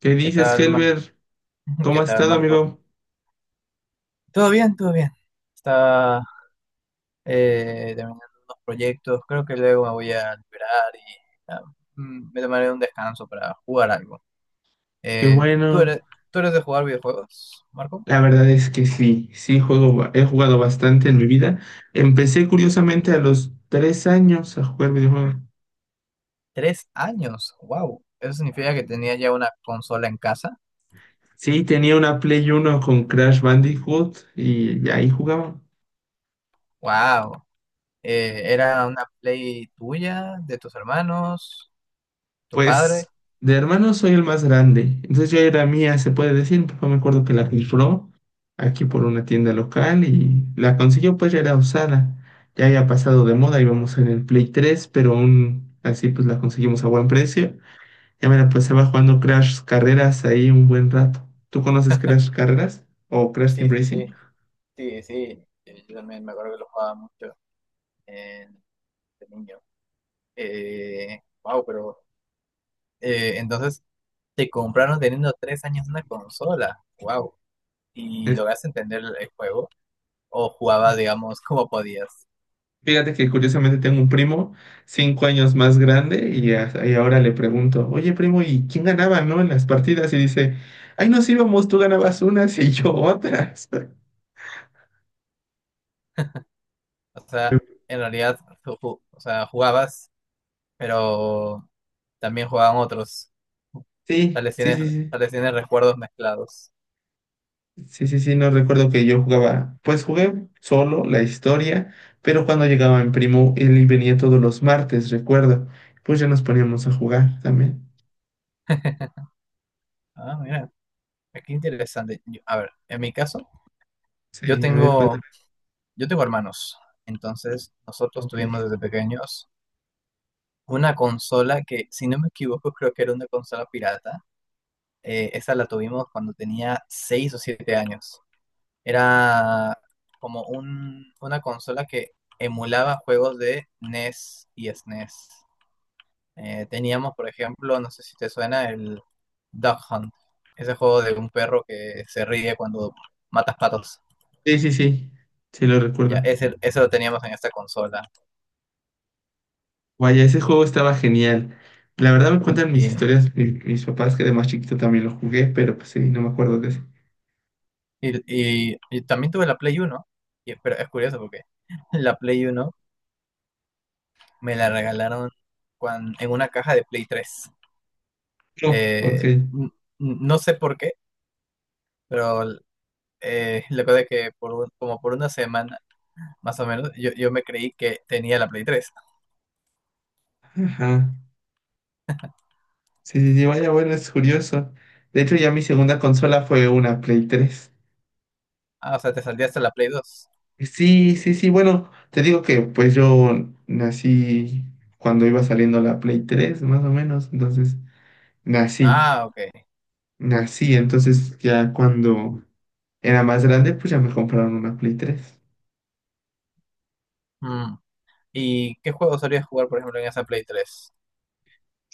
¿Qué ¿Qué dices, tal, Mar- Helber? ¿Cómo ¿Qué has tal, estado, Marco? amigo? Todo bien, todo bien. Está terminando unos proyectos. Creo que luego me voy a liberar y ah, me tomaré un descanso para jugar algo. Qué Eh, ¿tú bueno. eres, tú eres de jugar videojuegos, Marco? La verdad es que sí, sí juego, he jugado bastante en mi vida. Empecé Mm, curiosamente a los 3 años a jugar videojuegos. 3 años. Wow. Eso significa que tenía ya una consola en casa. Sí, tenía una Play 1 con Crash Bandicoot y ahí jugaba. Wow. ¿Era una Play tuya, de tus hermanos, tu padre? Pues de hermanos soy el más grande. Entonces yo era mía, se puede decir. Mi papá me acuerdo que la rifó aquí por una tienda local y la consiguió, pues ya era usada. Ya había pasado de moda, íbamos en el Play 3, pero aún así pues la conseguimos a buen precio. Ya me la pasaba jugando Crash Carreras ahí un buen rato. ¿Tú conoces Crash Carreras o Crash Sí, Team sí, Racing? sí. Sí, sí. Yo también me acuerdo que lo jugaba mucho de niño. Wow, pero entonces te compraron teniendo 3 años una consola. Wow. ¿Y lograste entender el juego? ¿O jugabas, Es- digamos, como podías? Fíjate que curiosamente tengo un primo 5 años más grande y y ahora le pregunto: oye primo, ¿y quién ganaba, no? En las partidas, y dice: ay, nos íbamos, tú ganabas unas y yo otras. O sea, en realidad, o sea, jugabas, pero también jugaban otros. Tal Sí, vez sí, tienes, sí, sí. tal vez tienes recuerdos mezclados. Sí, sí, sí, no recuerdo que yo jugaba. Pues jugué solo la historia, pero cuando llegaba mi primo, él venía todos los martes, recuerdo. Pues ya nos poníamos a jugar también. Ah, mira, qué interesante. A ver, en mi caso, yo Sí, a ver, tengo, cuéntame. yo tengo hermanos. Entonces, nosotros Ok. tuvimos desde pequeños una consola que, si no me equivoco, creo que era una consola pirata. Esa la tuvimos cuando tenía 6 o 7 años. Era como una consola que emulaba juegos de NES y SNES. Teníamos, por ejemplo, no sé si te suena, el Duck Hunt. Ese juego de un perro que se ríe cuando matas patos. Sí, sí, sí, sí lo Ya, recuerdo. ese lo teníamos en esta consola. Vaya, ese juego estaba genial. La verdad, me cuentan mis Y, historias, mis papás, que de más chiquito también lo jugué, pero pues sí, no me acuerdo de ese. y también tuve la Play 1. Pero es curioso porque la Play 1 me la regalaron en una caja de Play 3. No, ok. Eh, n- no sé por qué, pero lo que pasa es que como por una semana, más o menos, yo me creí que tenía la Play 3. Ajá. Sí, sí, sí, vaya, bueno, es curioso. De hecho, ya mi segunda consola fue una Play 3. Ah, o sea, te salía hasta la Play 2. Sí, sí, sí, bueno, te digo que pues yo nací cuando iba saliendo la Play 3, más o menos. Entonces nací, Ah, ok. nací, entonces ya cuando era más grande, pues ya me compraron una Play 3. Mm. ¿Y qué juego solías jugar, por ejemplo, en esa Play 3?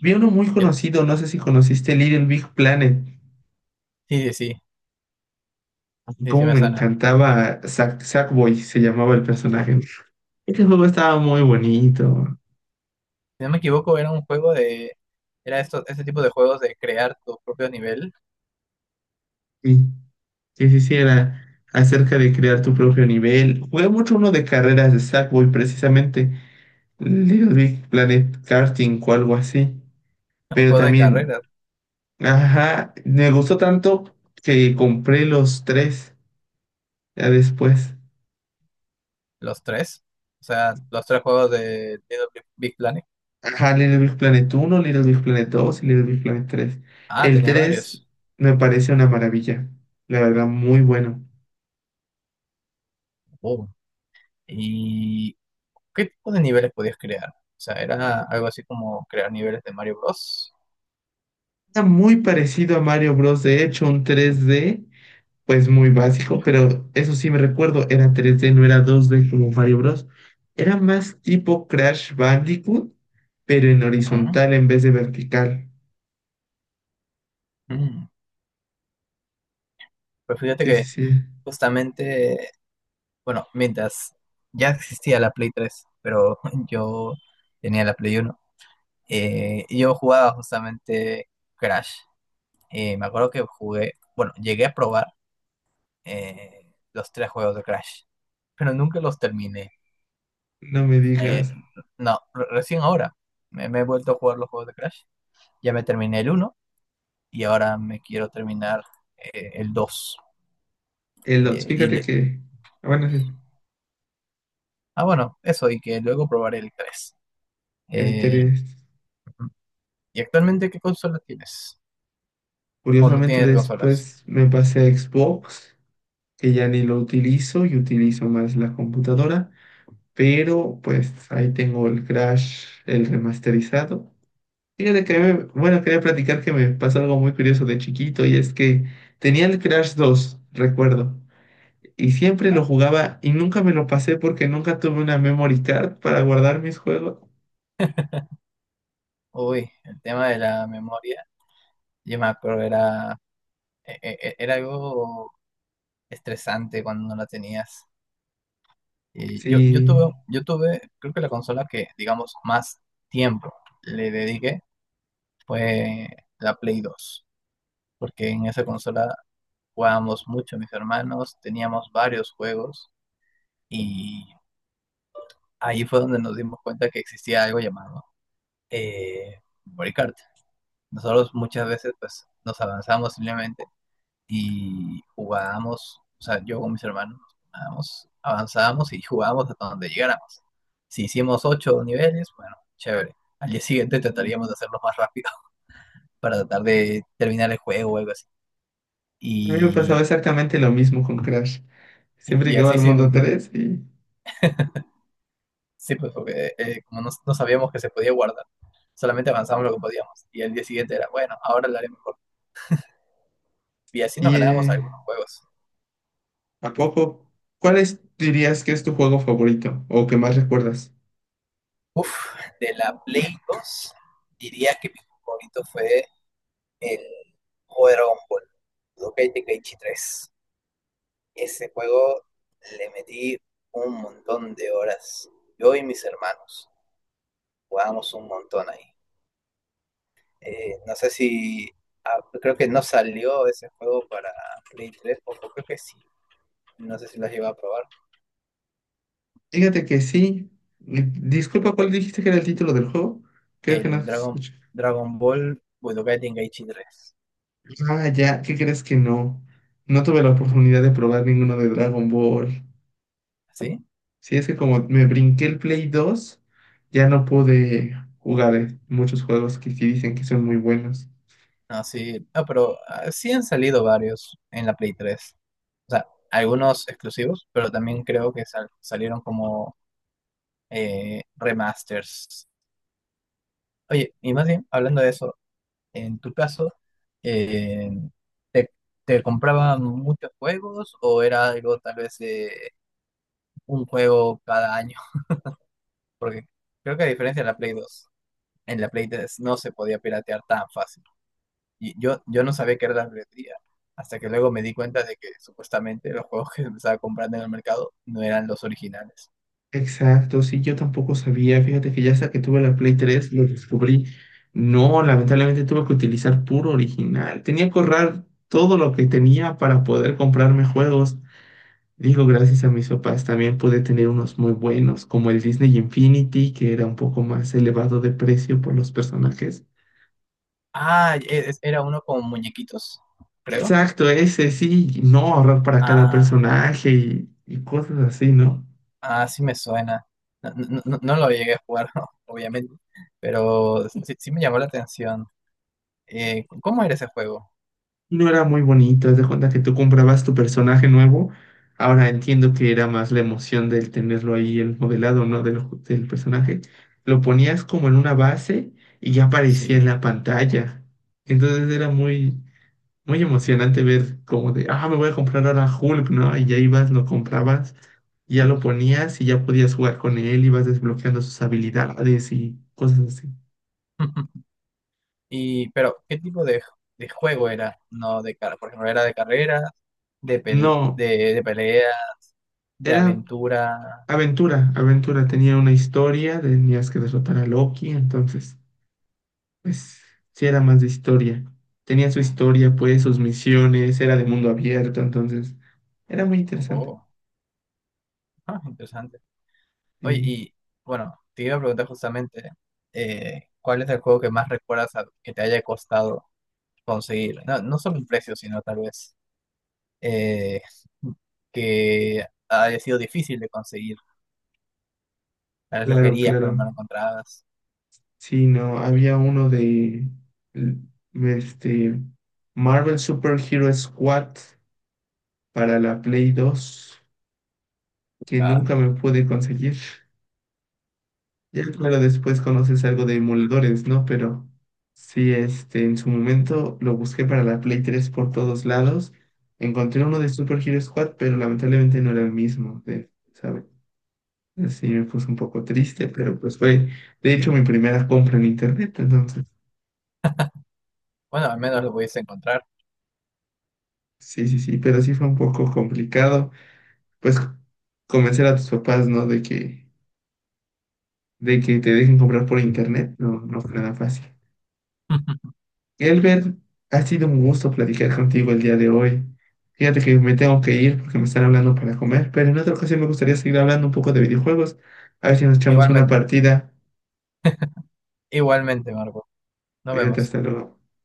Vi uno muy Yo- conocido, no sé si conociste Little Big Planet. sí, sí, sí, sí, sí Cómo me me sana. encantaba Sack, Sackboy, se llamaba el personaje. Este juego estaba muy bonito. Si no me equivoco, era un juego de. Era esto, este tipo de juegos de crear tu propio nivel, Sí, sí, sí, sí, era acerca de crear tu propio nivel. Jugué mucho uno de carreras de Sackboy, precisamente. Little Big Planet Karting o algo así. un Pero juego de también, carreras. ajá, me gustó tanto que compré los tres ya después. Los tres. O sea, los tres juegos de Little Big Big Planet. Ajá, Little Big Planet 1, Little Big Planet 2 y Little Big Planet 3. Ah, El tenía 3 varios. me parece una maravilla. La verdad, muy bueno. Oh. ¿Y qué tipo de niveles podías crear? O sea, era algo así como crear niveles de Mario Bros. Está muy parecido a Mario Bros. De hecho, un 3D pues muy básico, pero eso sí me recuerdo, era 3D, no era 2D como Mario Bros. Era más tipo Crash Bandicoot, pero en Ujú. horizontal en vez de vertical. Mm. Pues fíjate Sí, sí, que sí. justamente, bueno, mientras ya existía la Play 3, pero yo tenía la Play 1, y yo jugaba justamente Crash. Me acuerdo que jugué, bueno, llegué a probar los tres juegos de Crash, pero nunca los terminé. No me Eh, digas. no, recién ahora me he vuelto a jugar los juegos de Crash. Ya me terminé el uno y ahora me quiero terminar el 2. El 2, Eh, y fíjate le- que... Ah, bueno, sí, bueno, eso, y que luego probaré el 3. el Eh, 3. ¿Y actualmente qué consola tienes? ¿O no Curiosamente tienes consolas? después me pasé a Xbox, que ya ni lo utilizo, y utilizo más la computadora, pero pues ahí tengo el Crash, el remasterizado. Fíjate que, bueno, quería platicar que me pasó algo muy curioso de chiquito, y es que tenía el Crash 2, recuerdo, y siempre lo ¿Ah? jugaba y nunca me lo pasé porque nunca tuve una memory card para guardar mis juegos. Uy, el tema de la memoria, yo me acuerdo, era, e- e- e, era algo estresante cuando no la tenías. Eh, yo, yo Sí, tuve, yo tuve, creo que la consola que, digamos, más tiempo le dediqué fue la Play 2, porque en esa consola jugábamos mucho mis hermanos, teníamos varios juegos y ahí fue donde nos dimos cuenta que existía algo llamado eh, memory card. Nosotros muchas veces pues nos avanzamos simplemente y jugábamos, o sea, yo con mis hermanos jugábamos, avanzábamos y jugábamos hasta donde llegáramos. Si hicimos ocho niveles, bueno, chévere. Al día siguiente trataríamos de hacerlo más rápido para tratar de terminar el juego o algo así. a mí me pasaba Y, exactamente lo mismo con Crash. Siempre y llegaba así al mundo sin, 3 y... sí, pues porque como no sabíamos que se podía guardar, solamente avanzamos lo que podíamos. Y al día siguiente era, bueno, ahora lo haré mejor. Y así nos Y, ganábamos algunos juegos. ¿a poco? ¿Dirías que es tu juego favorito o que más recuerdas? Uf, de la Play 2 diría que mi juego favorito fue el juego de Dragon Ball, Budokai Tenkaichi 3. Ese juego le metí un montón de horas. Yo y mis hermanos jugábamos un montón ahí. No sé si, creo que no salió ese juego para Play 3 o creo que sí. No sé si lo has llegado a probar. Fíjate que sí. Disculpa, ¿cuál dijiste que era el título del juego? Creo que no El Dragon, escuché. Dragon Ball Budokai Tenkaichi 3. Ah, ya, ¿qué crees que no? No tuve la oportunidad de probar ninguno de Dragon Ball. ¿Sí? Sí, es que como me brinqué el Play 2, ya no pude jugar muchos juegos que sí dicen que son muy buenos. No, sí, no, pero sí han salido varios en la Play 3. O sea, algunos exclusivos, pero también creo que salieron como remasters. Oye, y más bien, hablando de eso, en tu caso, eh, ¿te, te compraban muchos juegos o era algo tal vez de un juego cada año? Porque creo que a diferencia de la Play 2 en la Play 3 no se podía piratear tan fácil. Y yo no sabía que era la piratería, hasta que luego me di cuenta de que supuestamente los juegos que me estaba comprando en el mercado no eran los originales. Exacto, sí, yo tampoco sabía. Fíjate que ya hasta que tuve la Play 3 lo descubrí. No, lamentablemente tuve que utilizar puro original. Tenía que ahorrar todo lo que tenía para poder comprarme juegos. Digo, gracias a mis papás también pude tener unos muy buenos, como el Disney Infinity, que era un poco más elevado de precio por los personajes. Ah, era uno con muñequitos, creo. Exacto, ese sí, no, ahorrar para cada Ah, personaje, y cosas así, ¿no? ah, sí me suena. No, no lo llegué a jugar, obviamente, pero sí, sí me llamó la atención. ¿Cómo era ese juego? No, era muy bonito, haz de cuenta que tú comprabas tu personaje nuevo. Ahora entiendo que era más la emoción del tenerlo ahí, el modelado, ¿no? Del personaje. Lo ponías como en una base y ya aparecía en Sí. la pantalla. Entonces era muy, muy emocionante ver como de: ah, me voy a comprar ahora Hulk, ¿no? Y ya ibas, lo comprabas, ya lo ponías y ya podías jugar con él, ibas desbloqueando sus habilidades y cosas así. Y, pero, ¿qué tipo de juego era? No de car por ejemplo, era de carreras, de, pel- No, de, de peleas, de era aventura. aventura. Aventura, tenía una historia, tenías que derrotar a Loki, entonces, pues sí, era más de historia. Tenía su historia, pues, sus misiones, era de mundo abierto, entonces era muy interesante. Oh, interesante. Oye, Sí, y bueno, te iba a preguntar justamente, ¿cuál es el juego que más recuerdas que te haya costado conseguir? No, no solo el precio, sino tal vez eh, que haya sido difícil de conseguir. Tal vez lo claro, querías, pero claro. no lo encontrabas. Sí, no, había uno de l- este Marvel Super Hero Squad para la Play 2 que Ah, nunca me pude conseguir. Ya, claro, después conoces algo de emuladores, ¿no? Pero sí, este, en su momento lo busqué para la Play 3 por todos lados. Encontré uno de Super Hero Squad, pero lamentablemente no era el mismo, ¿sabes? Así me puse un poco triste, pero pues fue, de hecho, mi primera compra en internet. Entonces, bueno, al menos lo pudiste encontrar. sí, sí, sí, pero sí fue un poco complicado, pues, convencer a tus papás, ¿no? De que te dejen comprar por internet. No, no fue nada fácil. Elber, ha sido un gusto platicar contigo el día de hoy. Fíjate que me tengo que ir porque me están hablando para comer, pero en otra ocasión me gustaría seguir hablando un poco de videojuegos. A ver si nos echamos una Igualmente. partida. Igualmente, Marco. Nos Cuídate, vemos. hasta luego.